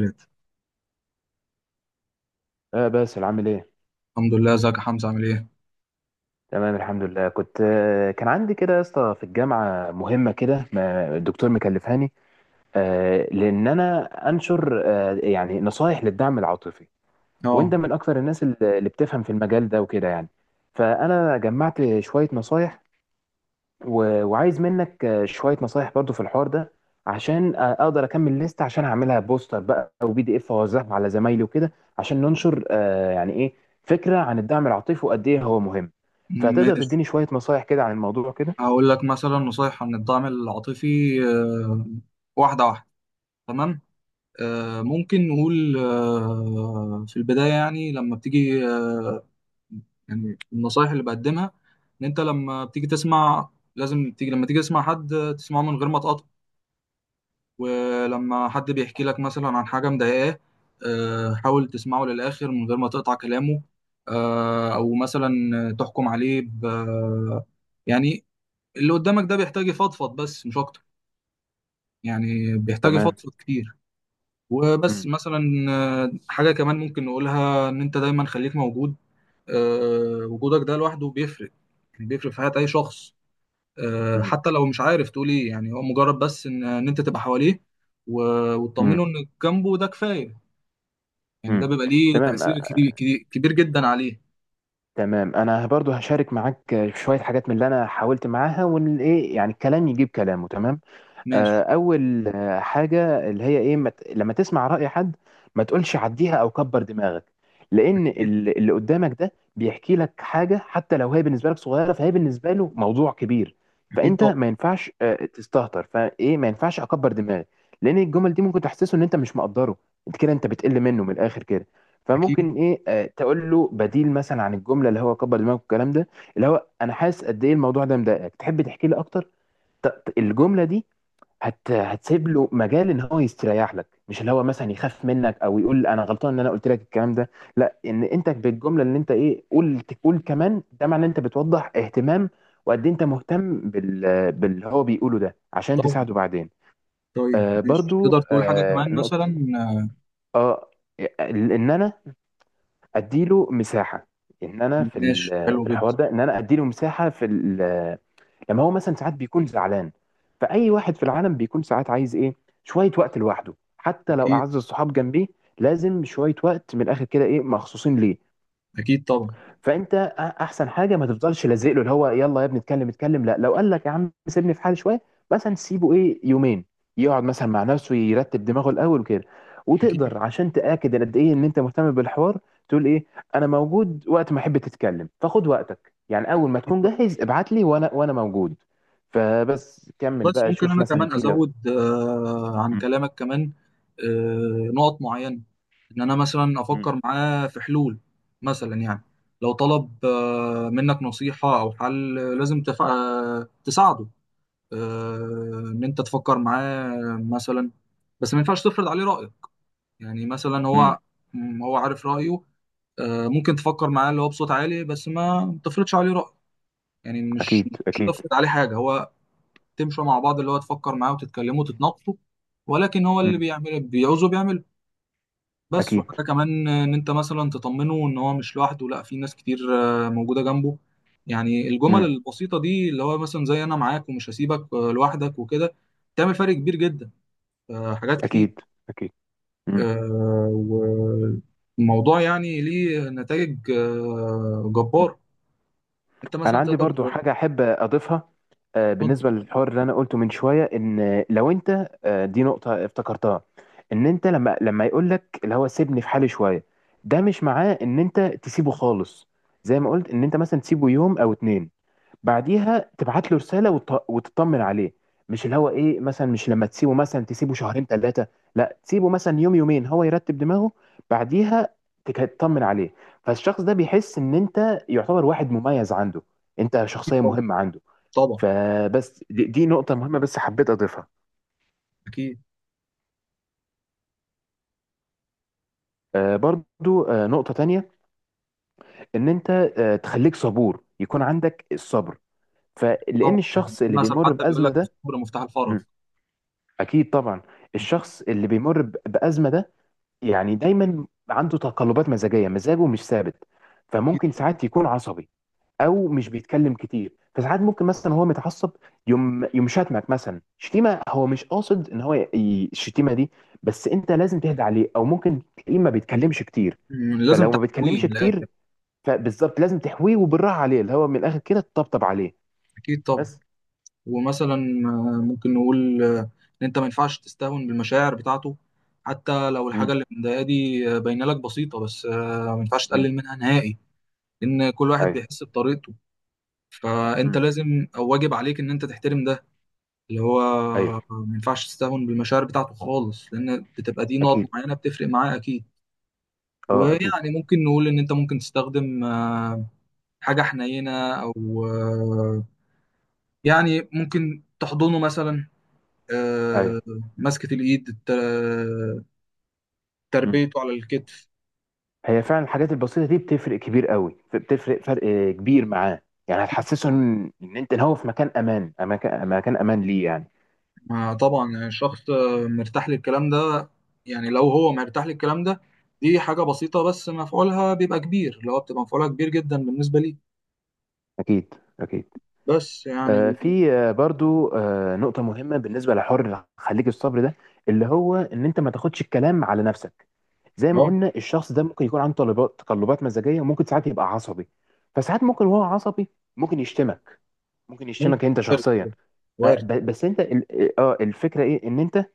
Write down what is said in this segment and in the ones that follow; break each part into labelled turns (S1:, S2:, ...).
S1: ريت.
S2: اه، باسل عامل ايه؟
S1: الحمد لله، ازيك يا حمزة؟ عامل ايه؟
S2: تمام الحمد لله. كنت آه، كان عندي كده يا اسطى في الجامعه مهمه كده ما الدكتور مكلفهاني. لان انا انشر، يعني نصايح للدعم العاطفي.
S1: اه
S2: وانت من اكثر الناس اللي بتفهم في المجال ده وكده يعني. فانا جمعت شويه نصايح، و... وعايز منك شوية نصايح برضو في الحوار ده، عشان اقدر اكمل ليست عشان اعملها بوستر بقى او PDF اوزعها على زمايلي وكده، عشان ننشر يعني ايه فكرة عن الدعم العاطفي وقد ايه هو مهم. فهتقدر
S1: ماشي،
S2: تديني شوية نصايح كده عن الموضوع كده.
S1: هقول لك مثلا نصايح عن الدعم العاطفي. آه، واحدة واحدة، تمام؟ ممكن نقول في البداية، يعني لما بتيجي يعني النصايح اللي بقدمها، ان انت لما بتيجي تسمع، لازم تيجي، لما تيجي تسمع حد تسمعه من غير ما تقاطع. ولما حد بيحكي لك مثلا عن حاجة مضايقاه، حاول تسمعه للآخر من غير ما تقطع كلامه. أو مثلا تحكم عليه ب، يعني اللي قدامك ده بيحتاج يفضفض بس، مش أكتر، يعني بيحتاج
S2: تمام.
S1: يفضفض كتير وبس
S2: مم.
S1: مثلا. حاجة كمان ممكن نقولها، إن أنت دايما خليك موجود. وجودك ده لوحده بيفرق، يعني بيفرق في حياة أي شخص.
S2: مم.
S1: حتى لو مش عارف تقول ايه، يعني هو مجرد بس ان انت تبقى حواليه
S2: مم.
S1: وتطمنه انك جنبه، ده كفايه. يعني ده
S2: مم.
S1: بيبقى ليه
S2: تمام
S1: تأثير
S2: آه،
S1: كبير كبير كبير جدا عليه.
S2: تمام، انا برضو هشارك معاك شوية حاجات من اللي انا حاولت معاها، وان ايه يعني الكلام يجيب كلامه. تمام.
S1: ماشي.
S2: اول حاجه اللي هي ايه، لما تسمع راي حد ما تقولش عديها او كبر دماغك، لان
S1: اكيد،
S2: اللي قدامك ده بيحكي لك حاجه، حتى لو هي بالنسبه لك صغيره فهي بالنسبه له موضوع كبير.
S1: أكيد
S2: فانت
S1: طبعا.
S2: ما ينفعش تستهتر، فايه ما ينفعش اكبر دماغي، لان الجمل دي ممكن تحسسه ان انت مش مقدره، انت كده انت بتقل منه من الاخر كده.
S1: اكيد
S2: فممكن ايه تقول له بديل مثلا عن الجمله اللي هو كبر دماغك والكلام ده، اللي هو انا حاسس قد ايه الموضوع ده مضايقك، تحب تحكي لي اكتر. الجمله دي هتسيب له مجال ان هو يستريح لك، مش اللي هو مثلا يخاف منك او يقول انا غلطان ان انا قلت لك الكلام ده. لا، ان انت بالجمله اللي انت ايه قلت قول كمان ده معناه ان انت بتوضح اهتمام، وقد إيه انت مهتم باللي هو بيقوله ده عشان
S1: طبعا.
S2: تساعده بعدين.
S1: طيب ماشي،
S2: برضو
S1: تقدر تقول حاجه كمان
S2: نقطه.
S1: مثلا؟ آه،
S2: اه ان انا اديله مساحه، ان انا
S1: ماشي حلو
S2: في
S1: جدا.
S2: الحوار ده ان انا اديله مساحه لما هو مثلا ساعات بيكون زعلان، فأي واحد في العالم بيكون ساعات عايز إيه، شوية وقت لوحده حتى لو
S1: اكيد،
S2: أعز الصحاب جنبيه. لازم شوية وقت من الآخر كده، إيه، مخصوصين ليه.
S1: اكيد طبعا.
S2: فانت احسن حاجه ما تفضلش لازق له اللي هو يلا يا ابني اتكلم اتكلم. لا، لو قال لك يا عم سيبني في حالي شويه مثلا سيبه ايه يومين، يقعد مثلا مع نفسه يرتب دماغه الاول وكده.
S1: اكيد، أكيد
S2: وتقدر، عشان تاكد قد ايه ان انت مهتم بالحوار، تقول ايه، انا موجود وقت ما احب تتكلم، فخد وقتك يعني، اول ما تكون
S1: طبعا.
S2: جاهز ابعت لي وانا موجود. فبس كمل
S1: بس
S2: بقى
S1: ممكن
S2: شوف
S1: انا
S2: مثلا
S1: كمان
S2: في لو.
S1: ازود عن
S2: مم.
S1: كلامك كمان نقط معينه. ان انا مثلا
S2: مم.
S1: افكر معاه في حلول، مثلا يعني لو طلب منك نصيحه او حل، لازم تف... آه، تساعده. ان انت تفكر معاه مثلا، بس ما ينفعش تفرض عليه رايك. يعني مثلا هو
S2: مم.
S1: هو عارف رايه. ممكن تفكر معاه اللي هو بصوت عالي، بس ما تفرضش عليه رايك. يعني
S2: اكيد،
S1: مش
S2: اكيد.
S1: تفرض عليه حاجه هو، تمشوا مع بعض، اللي هو تفكر معاه وتتكلموا وتتناقشوا، ولكن هو اللي
S2: مم.
S1: بيعمل، بيعوزه بيعمله بس.
S2: اكيد.
S1: وحاجة كمان، إن أنت مثلا تطمنه إن هو مش لوحده، لأ، في ناس كتير موجودة جنبه. يعني الجمل
S2: مم.
S1: البسيطة دي، اللي هو مثلا زي أنا معاك ومش هسيبك لوحدك وكده، تعمل فرق كبير جدا. حاجات كتير.
S2: اكيد، اكيد. مم.
S1: والموضوع يعني ليه نتائج
S2: مم.
S1: جبارة. أنت
S2: انا
S1: مثلا
S2: عندي
S1: تقدر
S2: برضو
S1: تقول-
S2: حاجه احب اضيفها. بالنسبه للحوار اللي انا قلته من شويه، ان لو انت دي نقطه افتكرتها، ان انت لما يقول لك اللي هو سيبني في حالي شويه، ده مش معناه ان انت تسيبه خالص. زي ما قلت، ان انت مثلا تسيبه يوم او اتنين، بعديها تبعت له رساله وتطمن عليه. مش اللي هو ايه مثلا مش لما تسيبه، مثلا تسيبه شهرين ثلاثه، لا، تسيبه مثلا يوم يومين هو يرتب دماغه، بعديها تطمن عليه. فالشخص ده بيحس ان انت يعتبر واحد مميز عنده، انت شخصيه
S1: طبعا.
S2: مهمه عنده.
S1: طبعا.
S2: فبس دي نقطه مهمه بس حبيت اضيفها.
S1: أكيد
S2: برضو نقطه تانية، ان انت تخليك صبور، يكون عندك الصبر،
S1: طبعا.
S2: فلان
S1: يعني
S2: الشخص
S1: في
S2: اللي
S1: مثل
S2: بيمر
S1: حتى بيقول
S2: بازمه
S1: لك
S2: ده.
S1: الصبر مفتاح الفرج.
S2: مم. اكيد طبعا. الشخص اللي بيمر بازمه ده يعني دايما عنده تقلبات مزاجيه، مزاجه مش ثابت. فممكن ساعات يكون عصبي او مش بيتكلم كتير. فساعات ممكن مثلا هو متعصب، يوم يوم شتمك مثلا شتيمه، هو مش قاصد ان هو الشتيمه دي، بس انت لازم تهدى عليه. او ممكن تلاقيه ما بيتكلمش كتير.
S1: مم، لازم
S2: فلو ما
S1: تحويه
S2: بيتكلمش
S1: من الاخر.
S2: كتير، فبالظبط لازم تحويه وبالراحه عليه، اللي هو من الاخر كده تطبطب عليه
S1: اكيد طبعا.
S2: بس.
S1: ومثلا ممكن نقول ان انت ما ينفعش تستهون بالمشاعر بتاعته، حتى لو الحاجه
S2: امم.
S1: اللي مضايقاه دي باينه لك بسيطه، بس ما ينفعش
S2: امم.
S1: تقلل منها نهائي. ان كل واحد
S2: ايوه.
S1: بيحس بطريقته، فانت
S2: امم.
S1: لازم او واجب عليك ان انت تحترم ده. اللي هو
S2: ايوه.
S1: ما ينفعش تستهون بالمشاعر بتاعته خالص، لان بتبقى دي نقط
S2: اكيد.
S1: معينه بتفرق معاه اكيد.
S2: اه، اكيد.
S1: ويعني ممكن نقول ان انت ممكن تستخدم حاجه حنينه، او يعني ممكن تحضنه مثلا. آه،
S2: ايوه.
S1: مسكة الإيد الت-
S2: امم.
S1: تربيته على الكتف.
S2: هي فعلا الحاجات البسيطة دي بتفرق كبير قوي، بتفرق فرق كبير معاه. يعني هتحسسه ان انت هو في مكان امان، مكان امان ليه يعني.
S1: ما طبعا يعني الشخص مرتاح للكلام ده، يعني لو هو مرتاح للكلام ده، دي حاجة بسيطة بس مفعولها بيبقى كبير، لو بتبقى مفعولها كبير جدا بالنسبة لي.
S2: اكيد، اكيد.
S1: بس يعني
S2: في برضو نقطة مهمة بالنسبة لحر خليك الصبر ده، اللي هو ان انت ما تاخدش الكلام على نفسك. زي ما
S1: اه
S2: قلنا، الشخص ده ممكن يكون عنده تقلبات مزاجية، وممكن ساعات يبقى عصبي. فساعات ممكن وهو عصبي ممكن يشتمك، ممكن
S1: ممكن.
S2: يشتمك انت
S1: وارد.
S2: شخصيا. ف-
S1: وارد.
S2: ب- بس انت الفكرة ايه، ان انت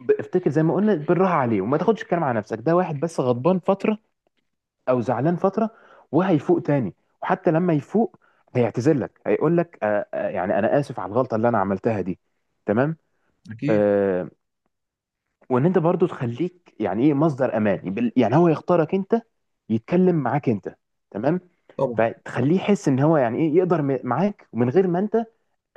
S2: افتكر زي ما قلنا بالراحه عليه، وما تاخدش الكلام على نفسك. ده واحد بس غضبان فتره او زعلان فتره وهيفوق تاني. وحتى لما يفوق هيعتذر لك، هيقول لك يعني انا اسف على الغلطه اللي انا عملتها دي. تمام.
S1: أكيد
S2: آه وان انت برضو تخليك يعني ايه مصدر امان يعني هو يختارك انت، يتكلم معاك انت. تمام.
S1: طبعا.
S2: فتخليه يحس ان هو يعني ايه يقدر معاك، ومن غير ما انت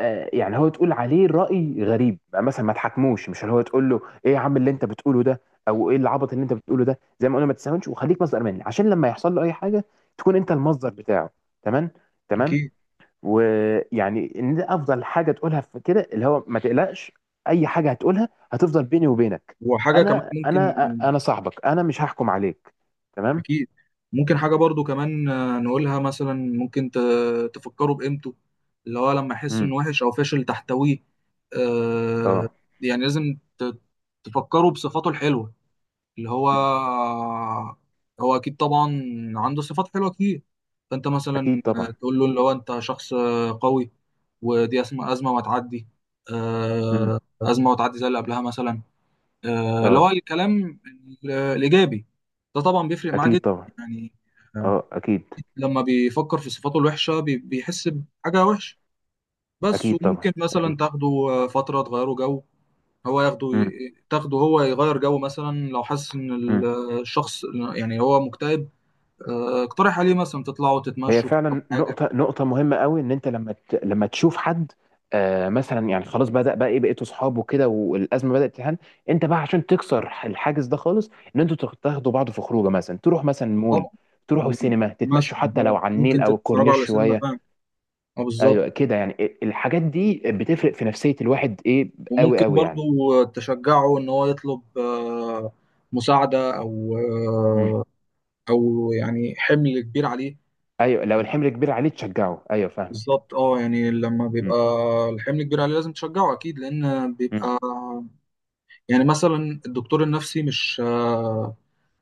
S2: يعني هو تقول عليه رأي غريب بقى مثلا ما تحكموش، مش اللي هو تقول له ايه يا عم اللي انت بتقوله ده او ايه العبط اللي انت بتقوله ده. زي ما قلنا، ما تستهونش، وخليك مصدر مني عشان لما يحصل له اي حاجه تكون انت المصدر بتاعه. تمام. تمام.
S1: أكيد.
S2: ويعني ان ده افضل حاجه تقولها في كده، اللي هو ما تقلقش، اي حاجه هتقولها هتفضل بيني وبينك،
S1: وحاجة كمان
S2: انا
S1: ممكن.
S2: انا انا صاحبك، انا مش هحكم عليك. تمام.
S1: اكيد. ممكن حاجه برضو كمان نقولها مثلا، ممكن تفكروا بقيمته، اللي هو لما يحس
S2: امم.
S1: انه وحش او فاشل تحتويه. آه،
S2: اه.
S1: يعني لازم تفكروا بصفاته الحلوه، اللي هو
S2: مم.
S1: هو اكيد طبعا عنده صفات حلوه كتير. فانت مثلا
S2: اكيد طبعا.
S1: تقول له اللي هو انت شخص قوي، ودي اسمه ازمه وهتعدي.
S2: امم.
S1: ازمه وهتعدي زي اللي قبلها مثلا. اللي
S2: اه.
S1: هو الكلام الإيجابي ده طبعا بيفرق معاه جدا.
S2: اكيد طبعا.
S1: يعني آه،
S2: اه. اكيد.
S1: لما بيفكر في صفاته الوحشة، بيحس بحاجة وحشة بس.
S2: اكيد طبعا.
S1: وممكن مثلا
S2: أكيد.
S1: تاخده فترة تغيره جو. هو ياخده،
S2: مم.
S1: تاخده هو يغير جو، مثلا لو حاسس إن
S2: مم.
S1: الشخص يعني هو مكتئب، اقترح عليه مثلا تطلعوا
S2: هي
S1: تتمشوا تشربوا
S2: فعلا
S1: حاجة.
S2: نقطة نقطة مهمة قوي، ان انت لما لما تشوف حد مثلا يعني خلاص بدأ بقى ايه بقيتوا اصحاب وكده، والازمة بدأت تهان، انت بقى عشان تكسر الحاجز ده خالص ان انتوا تاخدوا بعض في خروجه، مثلا تروح مثلا مول،
S1: طبعا،
S2: تروحوا السينما، تتمشوا
S1: مثلا
S2: حتى لو
S1: هو
S2: على النيل
S1: ممكن
S2: او
S1: تتفرجوا على
S2: الكورنيش
S1: سينما،
S2: شوية.
S1: فاهم؟ اه بالظبط.
S2: ايوه كده، يعني إيه، الحاجات دي بتفرق في نفسية الواحد ايه، قوي
S1: وممكن
S2: قوي يعني.
S1: برضو تشجعه ان هو يطلب مساعدة، او
S2: مم.
S1: او يعني حمل كبير عليه.
S2: ايوه، لو الحمل كبير عليه تشجعه، ايوه فاهمك.
S1: بالظبط اه. يعني لما بيبقى
S2: مم.
S1: الحمل كبير عليه لازم تشجعه اكيد، لان
S2: مم.
S1: بيبقى يعني مثلا الدكتور النفسي مش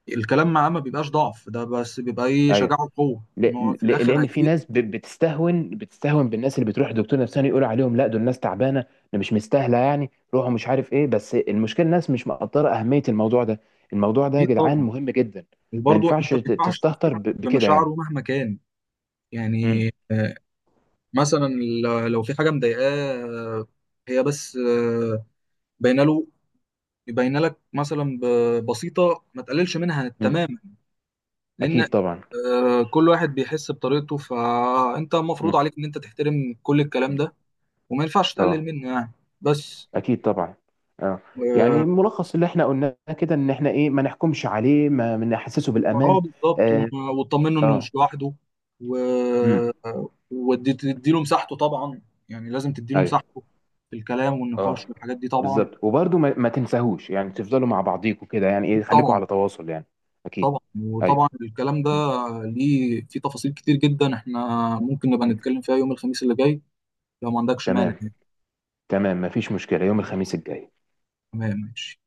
S1: الكلام معاه ما بيبقاش ضعف ده، بس بيبقى ايه،
S2: ايوه.
S1: شجاعه وقوة،
S2: ل...
S1: ان هو في الاخر
S2: لان في
S1: هيفيدك.
S2: ناس ب... بتستهون بتستهون بالناس اللي بتروح لدكتور نفساني، يقولوا عليهم لا دول ناس تعبانه، ده مش مستاهله يعني روحوا مش عارف ايه، بس المشكله الناس مش مقدره اهميه الموضوع ده. الموضوع ده يا
S1: اكيد
S2: جدعان
S1: طبعا.
S2: مهم جدا. ما
S1: وبرضو
S2: ينفعش
S1: انت ما ينفعش
S2: تستهتر
S1: تستهتر
S2: بكده
S1: بمشاعره
S2: يعني.
S1: مهما كان.
S2: امم.
S1: يعني مثلا لو في حاجه مضايقاه، هي بس باينه له، باينه لك مثلا بسيطه، ما تقللش منها
S2: امم.
S1: تماما. لان
S2: اكيد طبعا.
S1: كل واحد بيحس بطريقته، فانت المفروض
S2: امم.
S1: عليك ان انت تحترم كل الكلام ده وما ينفعش تقلل
S2: اه.
S1: منه يعني بس.
S2: اكيد طبعا. اه، يعني ملخص اللي احنا قلناه كده ان احنا ايه ما نحكمش عليه، ما نحسسه
S1: وهو
S2: بالامان.
S1: بالظبط،
S2: اه.
S1: وتطمنه انه
S2: اه.
S1: مش لوحده و...
S2: امم.
S1: وتديله مساحته طبعا، يعني لازم تديله
S2: ايوه.
S1: مساحته في الكلام
S2: اه،
S1: والنقاش والحاجات دي طبعا.
S2: بالظبط، وبرضه ما تنساهوش، يعني تفضلوا مع بعضيكوا كده يعني
S1: اكيد
S2: ايه، خليكوا
S1: طبعا.
S2: على تواصل يعني. اكيد.
S1: طبعا
S2: ايوه.
S1: وطبعا الكلام ده
S2: م.
S1: ليه في تفاصيل كتير جدا، احنا ممكن نبقى
S2: م.
S1: نتكلم فيها يوم الخميس اللي جاي لو ما عندكش مانع
S2: تمام.
S1: يعني.
S2: تمام، مفيش مشكلة يوم الخميس الجاي.
S1: تمام ماشي.